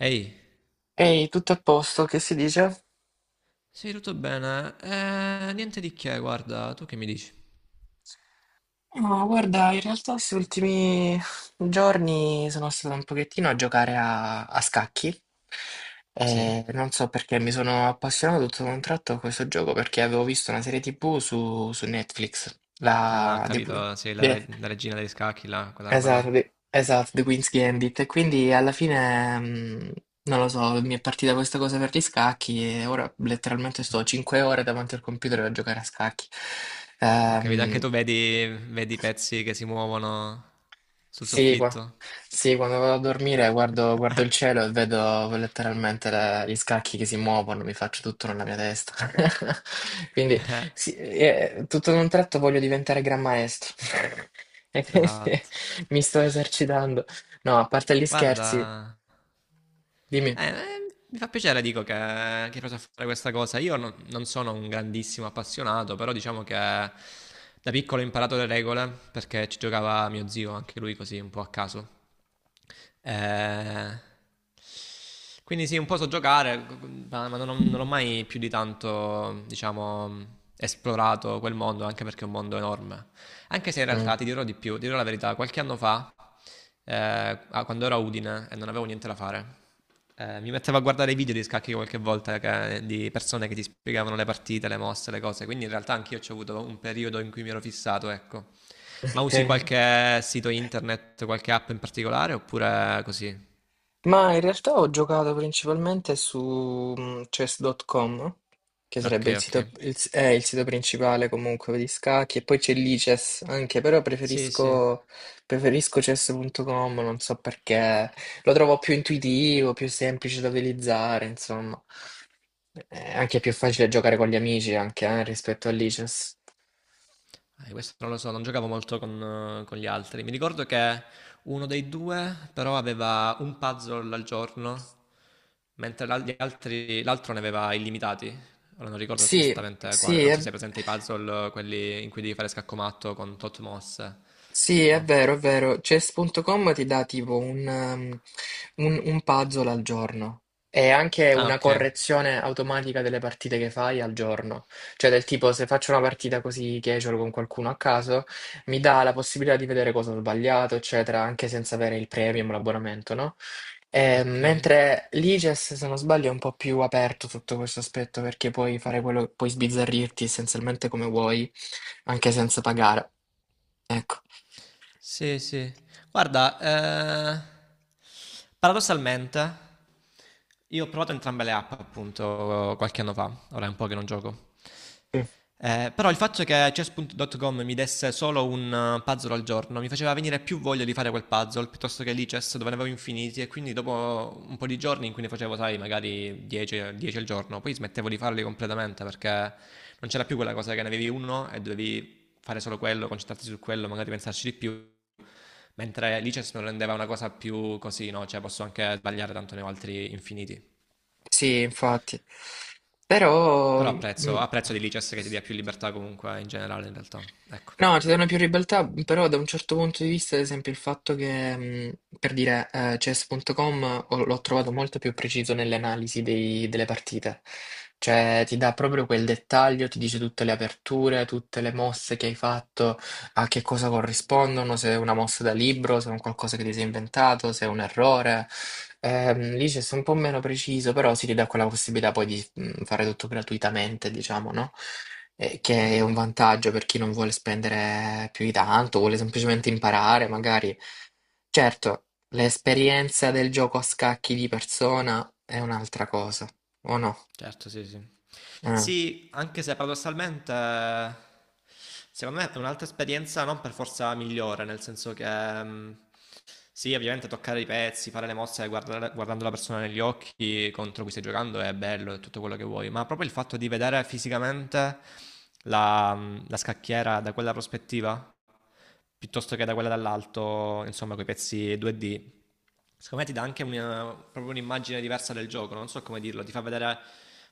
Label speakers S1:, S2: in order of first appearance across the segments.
S1: Ehi,
S2: Ehi, tutto a posto, che si dice?
S1: sì, tutto bene. Niente di che, guarda, tu che mi dici?
S2: No, guarda, in realtà questi ultimi giorni sono stato un pochettino a giocare a scacchi
S1: Sì?
S2: e non so perché mi sono appassionato tutto da un tratto a questo gioco perché avevo visto una serie TV su Netflix,
S1: Ah, ho
S2: la The, Qu-
S1: capito, sì, la, re-
S2: The-
S1: la regina degli scacchi, là, quella roba
S2: Esatto,
S1: là.
S2: The, esatto, The Queen's Gambit. E quindi alla fine, non lo so, mi è partita questa cosa per gli scacchi e ora letteralmente sto 5 ore davanti al computer a giocare a scacchi.
S1: Ho capito, anche
S2: Ehm,
S1: tu vedi i pezzi che si muovono sul
S2: sì, qua-
S1: soffitto.
S2: sì, quando vado a dormire guardo, guardo il cielo e vedo letteralmente gli scacchi che si muovono, mi faccio tutto nella mia testa. Quindi sì, tutto in un tratto voglio diventare gran maestro. E quindi
S1: Esatto.
S2: mi sto esercitando. No, a parte gli scherzi.
S1: Guarda,
S2: Dimmi.
S1: Eh, eh, mi fa piacere, dico, che hai preso a fare questa cosa. Io non sono un grandissimo appassionato, però diciamo che da piccolo ho imparato le regole perché ci giocava mio zio, anche lui così, un po' a caso. Eh, quindi sì, un po' so giocare, non ho mai più di tanto, diciamo, esplorato quel mondo, anche perché è un mondo enorme. Anche se in
S2: Ah,
S1: realtà ti dirò di più, ti dirò la verità, qualche anno fa, quando ero a Udine e non avevo niente da fare. Mi mettevo a guardare i video di scacchi qualche volta di persone che ti spiegavano le partite, le mosse, le cose. Quindi in realtà anch'io ho avuto un periodo in cui mi ero fissato, ecco. Ma
S2: ok.
S1: usi qualche sito internet, qualche app in particolare oppure così?
S2: Ma in realtà ho giocato principalmente su chess.com, che
S1: Ok,
S2: sarebbe il sito,
S1: ok.
S2: è il sito principale comunque di scacchi, e poi c'è l'ICES anche, però
S1: Sì, sì.
S2: preferisco chess.com, non so perché, lo trovo più intuitivo, più semplice da utilizzare, insomma, è anche più facile giocare con gli amici anche rispetto all'ICES.
S1: Questo non lo so, non giocavo molto con gli altri. Mi ricordo che uno dei due però aveva un puzzle al giorno, mentre l'altro ne aveva illimitati. Ora non ricordo
S2: Sì,
S1: esattamente quale,
S2: sì,
S1: non so se
S2: è...
S1: hai presente i puzzle, quelli in cui devi fare scaccomatto con tot mosse.
S2: Sì, è
S1: No?
S2: vero, è vero. Chess.com ti dà tipo un, un puzzle al giorno e anche
S1: Ah,
S2: una
S1: ok,
S2: correzione automatica delle partite che fai al giorno. Cioè, del tipo, se faccio una partita così casual con qualcuno a caso, mi dà la possibilità di vedere cosa ho sbagliato, eccetera, anche senza avere il premium, l'abbonamento, no?
S1: ok.
S2: Mentre l'IGES, se non sbaglio, è un po' più aperto sotto questo aspetto perché puoi fare quello, puoi sbizzarrirti essenzialmente come vuoi anche senza pagare. Ecco,
S1: Sì, sì. Guarda, paradossalmente, io ho provato entrambe le app appunto qualche anno fa, ora è un po' che non gioco. Però il fatto che chess.com mi desse solo un puzzle al giorno mi faceva venire più voglia di fare quel puzzle piuttosto che lì chess, dove ne avevo infiniti, e quindi dopo un po' di giorni in cui ne facevo, sai, magari 10 al giorno, poi smettevo di farli completamente perché non c'era più quella cosa che ne avevi uno e dovevi fare solo quello, concentrarsi su quello, magari pensarci di più. Mentre License non rendeva una cosa più così, no? Cioè, posso anche sbagliare, tanto ne ho altri infiniti.
S2: sì, infatti. Però,
S1: Però apprezzo, apprezzo di License che ti dia più libertà comunque in generale in realtà. Ecco.
S2: no, ci sono più ribeltà, però da un certo punto di vista, ad esempio, il fatto che, per dire, chess.com l'ho trovato molto più preciso nell'analisi delle partite. Cioè, ti dà proprio quel dettaglio, ti dice tutte le aperture, tutte le mosse che hai fatto, a che cosa corrispondono, se è una mossa da libro, se è un qualcosa che ti sei inventato, se è un errore. Lì c'è sei un po' meno preciso, però si ridà quella possibilità poi di fare tutto gratuitamente, diciamo, no? Che è un
S1: Mhm.
S2: vantaggio per chi non vuole spendere più di tanto, vuole semplicemente imparare, magari. Certo, l'esperienza del gioco a scacchi di persona è un'altra cosa, o no?
S1: Certo, sì, sì.
S2: Eh.
S1: Sì, anche se paradossalmente, secondo me è un'altra esperienza non per forza migliore, nel senso che ehm, sì, ovviamente toccare i pezzi, fare le mosse, guardando la persona negli occhi contro cui stai giocando è bello, è tutto quello che vuoi, ma proprio il fatto di vedere fisicamente la scacchiera da quella prospettiva piuttosto che da quella dall'alto, insomma, con i pezzi 2D. Secondo me ti dà anche proprio un'immagine diversa del gioco, non so come dirlo, ti fa vedere,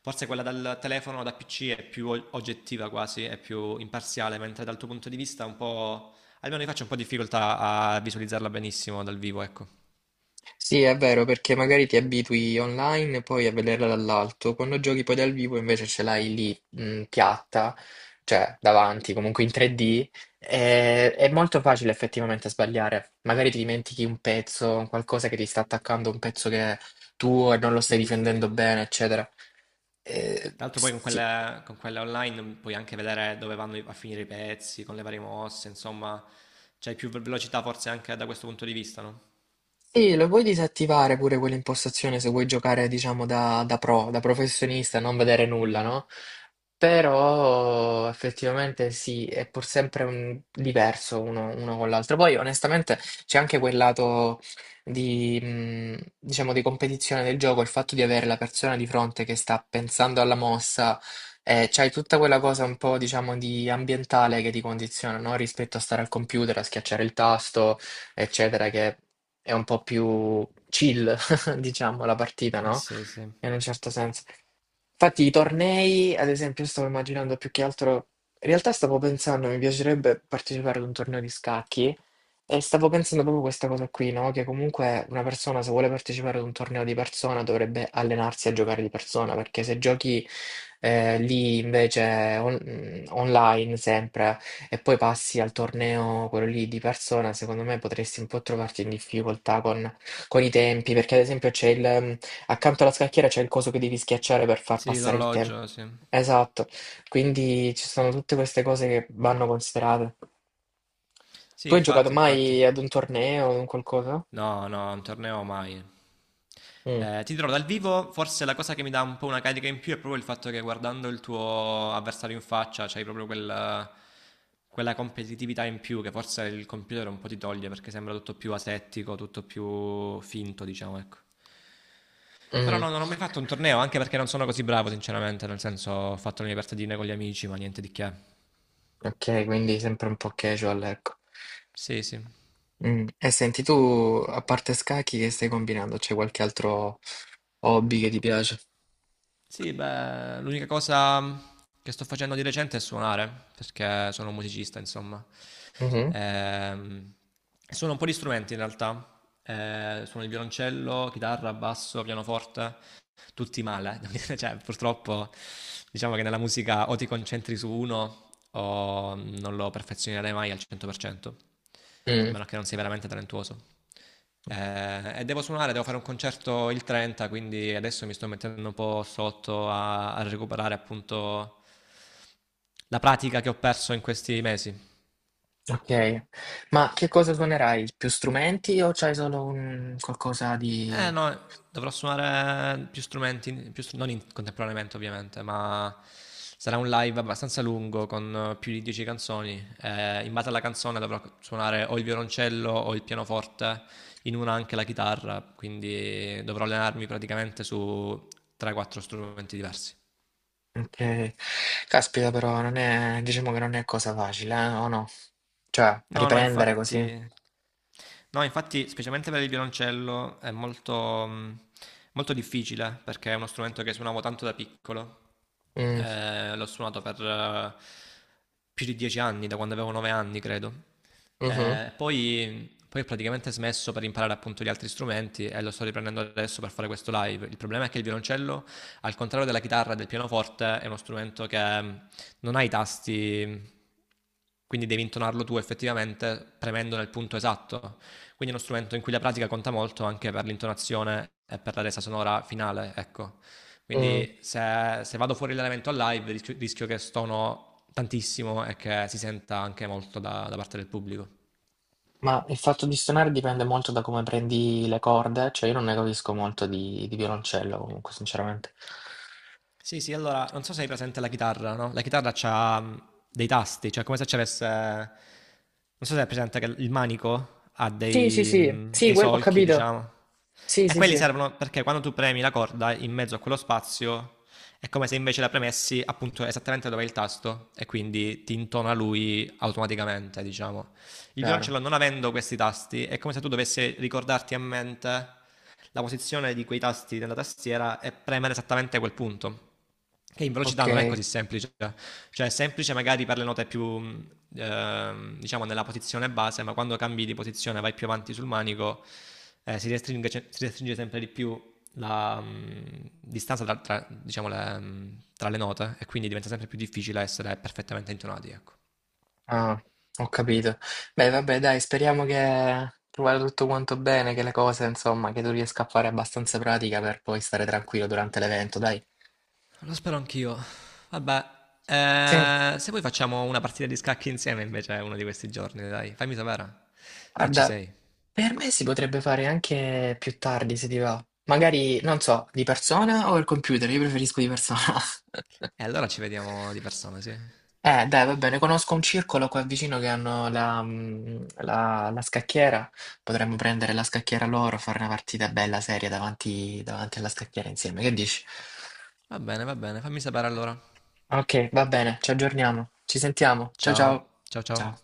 S1: forse quella dal telefono o da PC è più oggettiva quasi, è più imparziale, mentre dal tuo punto di vista è un po', almeno io faccio un po' difficoltà a visualizzarla benissimo dal vivo, ecco.
S2: Sì, è vero, perché magari ti abitui online poi a vederla dall'alto, quando giochi poi dal vivo invece ce l'hai lì, piatta, cioè davanti, comunque in 3D, è molto facile effettivamente sbagliare. Magari ti dimentichi un pezzo, un qualcosa che ti sta attaccando, un pezzo che è tuo e non lo stai
S1: Sì,
S2: difendendo
S1: sì.
S2: bene, eccetera.
S1: Tra l'altro poi con
S2: Sì.
S1: quelle online puoi anche vedere dove vanno a finire i pezzi, con le varie mosse, insomma, c'hai più velocità forse anche da questo punto di vista, no?
S2: Sì, lo puoi disattivare pure quell'impostazione se vuoi giocare, diciamo, da pro, da professionista, non vedere nulla,
S1: Mm.
S2: no? Però effettivamente sì, è pur sempre diverso uno, uno con l'altro. Poi onestamente c'è anche quel lato di, diciamo, di competizione del gioco, il fatto di avere la persona di fronte che sta pensando alla mossa, c'hai tutta quella cosa un po', diciamo, di ambientale che ti condiziona, no? Rispetto a stare al computer, a schiacciare il tasto eccetera, che è un po' più chill, diciamo, la partita,
S1: Eh
S2: no?
S1: sì, sì.
S2: In un certo senso. Infatti, i tornei, ad esempio, io stavo immaginando più che altro. In realtà stavo pensando, mi piacerebbe partecipare ad un torneo di scacchi e stavo pensando proprio questa cosa qui, no? Che comunque una persona, se vuole partecipare ad un torneo di persona, dovrebbe allenarsi a giocare di persona, perché se giochi lì invece online sempre e poi passi al torneo, quello lì di persona, secondo me potresti un po' trovarti in difficoltà con i tempi, perché ad esempio c'è il, accanto alla scacchiera c'è il coso che devi schiacciare per far
S1: Sì,
S2: passare il tempo.
S1: l'orologio, sì.
S2: Esatto, quindi ci sono tutte queste cose che vanno considerate. Tu
S1: Sì,
S2: hai giocato
S1: infatti, infatti.
S2: mai ad un torneo o un qualcosa?
S1: No, no, un torneo mai.
S2: Mm.
S1: Ti dirò, dal vivo forse la cosa che mi dà un po' una carica in più è proprio il fatto che guardando il tuo avversario in faccia c'hai proprio quella competitività in più, che forse il computer un po' ti toglie perché sembra tutto più asettico, tutto più finto, diciamo, ecco. Però
S2: Mm.
S1: no, non ho mai fatto un torneo, anche perché non sono così bravo, sinceramente, nel senso ho fatto le mie partitine con gli amici, ma niente di che.
S2: Ok, quindi sempre un po' casual, ecco.
S1: Sì, sì.
S2: Mm. E senti, tu a parte scacchi che stai combinando? C'è qualche altro hobby che ti piace?
S1: Sì, beh, l'unica cosa che sto facendo di recente è suonare, perché sono un musicista, insomma.
S2: Mhm.
S1: Ehm, suono un po' di strumenti in realtà. Suono il violoncello, chitarra, basso, pianoforte. Tutti male, eh. Cioè, purtroppo diciamo che nella musica o ti concentri su uno o non lo perfezionerai mai al 100%, a
S2: Mm.
S1: meno che non sei veramente talentuoso. E devo suonare, devo fare un concerto il 30, quindi adesso mi sto mettendo un po' sotto a recuperare appunto la pratica che ho perso in questi mesi.
S2: Ok, ma che cosa suonerai? Più strumenti o c'hai solo un qualcosa di...
S1: Eh no, dovrò suonare più strumenti, più str- non in- contemporaneamente ovviamente, ma sarà un live abbastanza lungo con più di 10 canzoni. In base alla canzone dovrò suonare o il violoncello o il pianoforte, in una anche la chitarra, quindi dovrò allenarmi praticamente su 3-4 strumenti diversi.
S2: Ok, caspita però, non è... diciamo che non è cosa facile, eh? O no? Cioè,
S1: No, no,
S2: riprendere così.
S1: infatti, no, infatti, specialmente per il violoncello è molto difficile, perché è uno strumento che suonavo tanto da piccolo.
S2: Mm,
S1: L'ho suonato per più di 10 anni, da quando avevo 9 anni, credo.
S2: mhm,
S1: Poi ho praticamente smesso per imparare appunto gli altri strumenti e lo sto riprendendo adesso per fare questo live. Il problema è che il violoncello, al contrario della chitarra e del pianoforte, è uno strumento che non hai i tasti, quindi devi intonarlo tu effettivamente premendo nel punto esatto. Quindi è uno strumento in cui la pratica conta molto, anche per l'intonazione e per la resa sonora finale, ecco.
S2: mm.
S1: Quindi se vado fuori l'elemento a live rischio, che stono tantissimo e che si senta anche molto da parte del pubblico.
S2: Ma il fatto di suonare dipende molto da come prendi le corde, cioè io non ne capisco molto di violoncello comunque, sinceramente.
S1: Sì, sì, allora, non so se hai presente la chitarra, no? La chitarra c'ha dei tasti, cioè come se ci avesse. Non so se hai presente che il manico ha
S2: Sì, sì,
S1: dei,
S2: sì,
S1: mh,
S2: sì,
S1: dei
S2: ho
S1: solchi,
S2: capito.
S1: diciamo.
S2: Sì,
S1: E
S2: sì,
S1: quelli
S2: sì.
S1: servono perché quando tu premi la corda in mezzo a quello spazio è come se invece la premessi appunto esattamente dove è il tasto, e quindi ti intona lui automaticamente, diciamo. Il
S2: Chiaro.
S1: violoncello, non avendo questi tasti, è come se tu dovessi ricordarti a mente la posizione di quei tasti della tastiera e premere esattamente quel punto. Che in
S2: Ok.
S1: velocità non è così semplice, cioè è semplice magari per le note più, diciamo, nella posizione base, ma quando cambi di posizione vai più avanti sul manico, si restringe sempre di più la distanza tra, diciamo, tra le note, e quindi diventa sempre più difficile essere perfettamente intonati. Ecco.
S2: Ah, ho capito. Beh, vabbè, dai, speriamo che tu vada tutto quanto bene, che le cose, insomma, che tu riesca a fare abbastanza pratica per poi stare tranquillo durante l'evento, dai.
S1: Lo spero anch'io. Vabbè,
S2: Sì.
S1: eh, se vuoi facciamo una partita di scacchi insieme invece, uno di questi giorni, dai. Fammi sapere se ci
S2: Guarda,
S1: sei.
S2: per me si potrebbe fare anche più tardi se ti va. Magari, non so, di persona o il computer? Io preferisco di persona.
S1: E allora ci vediamo di persona, sì.
S2: Dai, va bene, conosco un circolo qua vicino che hanno la, la scacchiera. Potremmo prendere la scacchiera loro, fare una partita bella seria davanti, davanti alla scacchiera insieme. Che dici?
S1: Va bene, fammi sapere allora.
S2: Ok, va bene, ci aggiorniamo. Ci sentiamo. Ciao
S1: Ciao,
S2: ciao.
S1: ciao ciao.
S2: Ciao.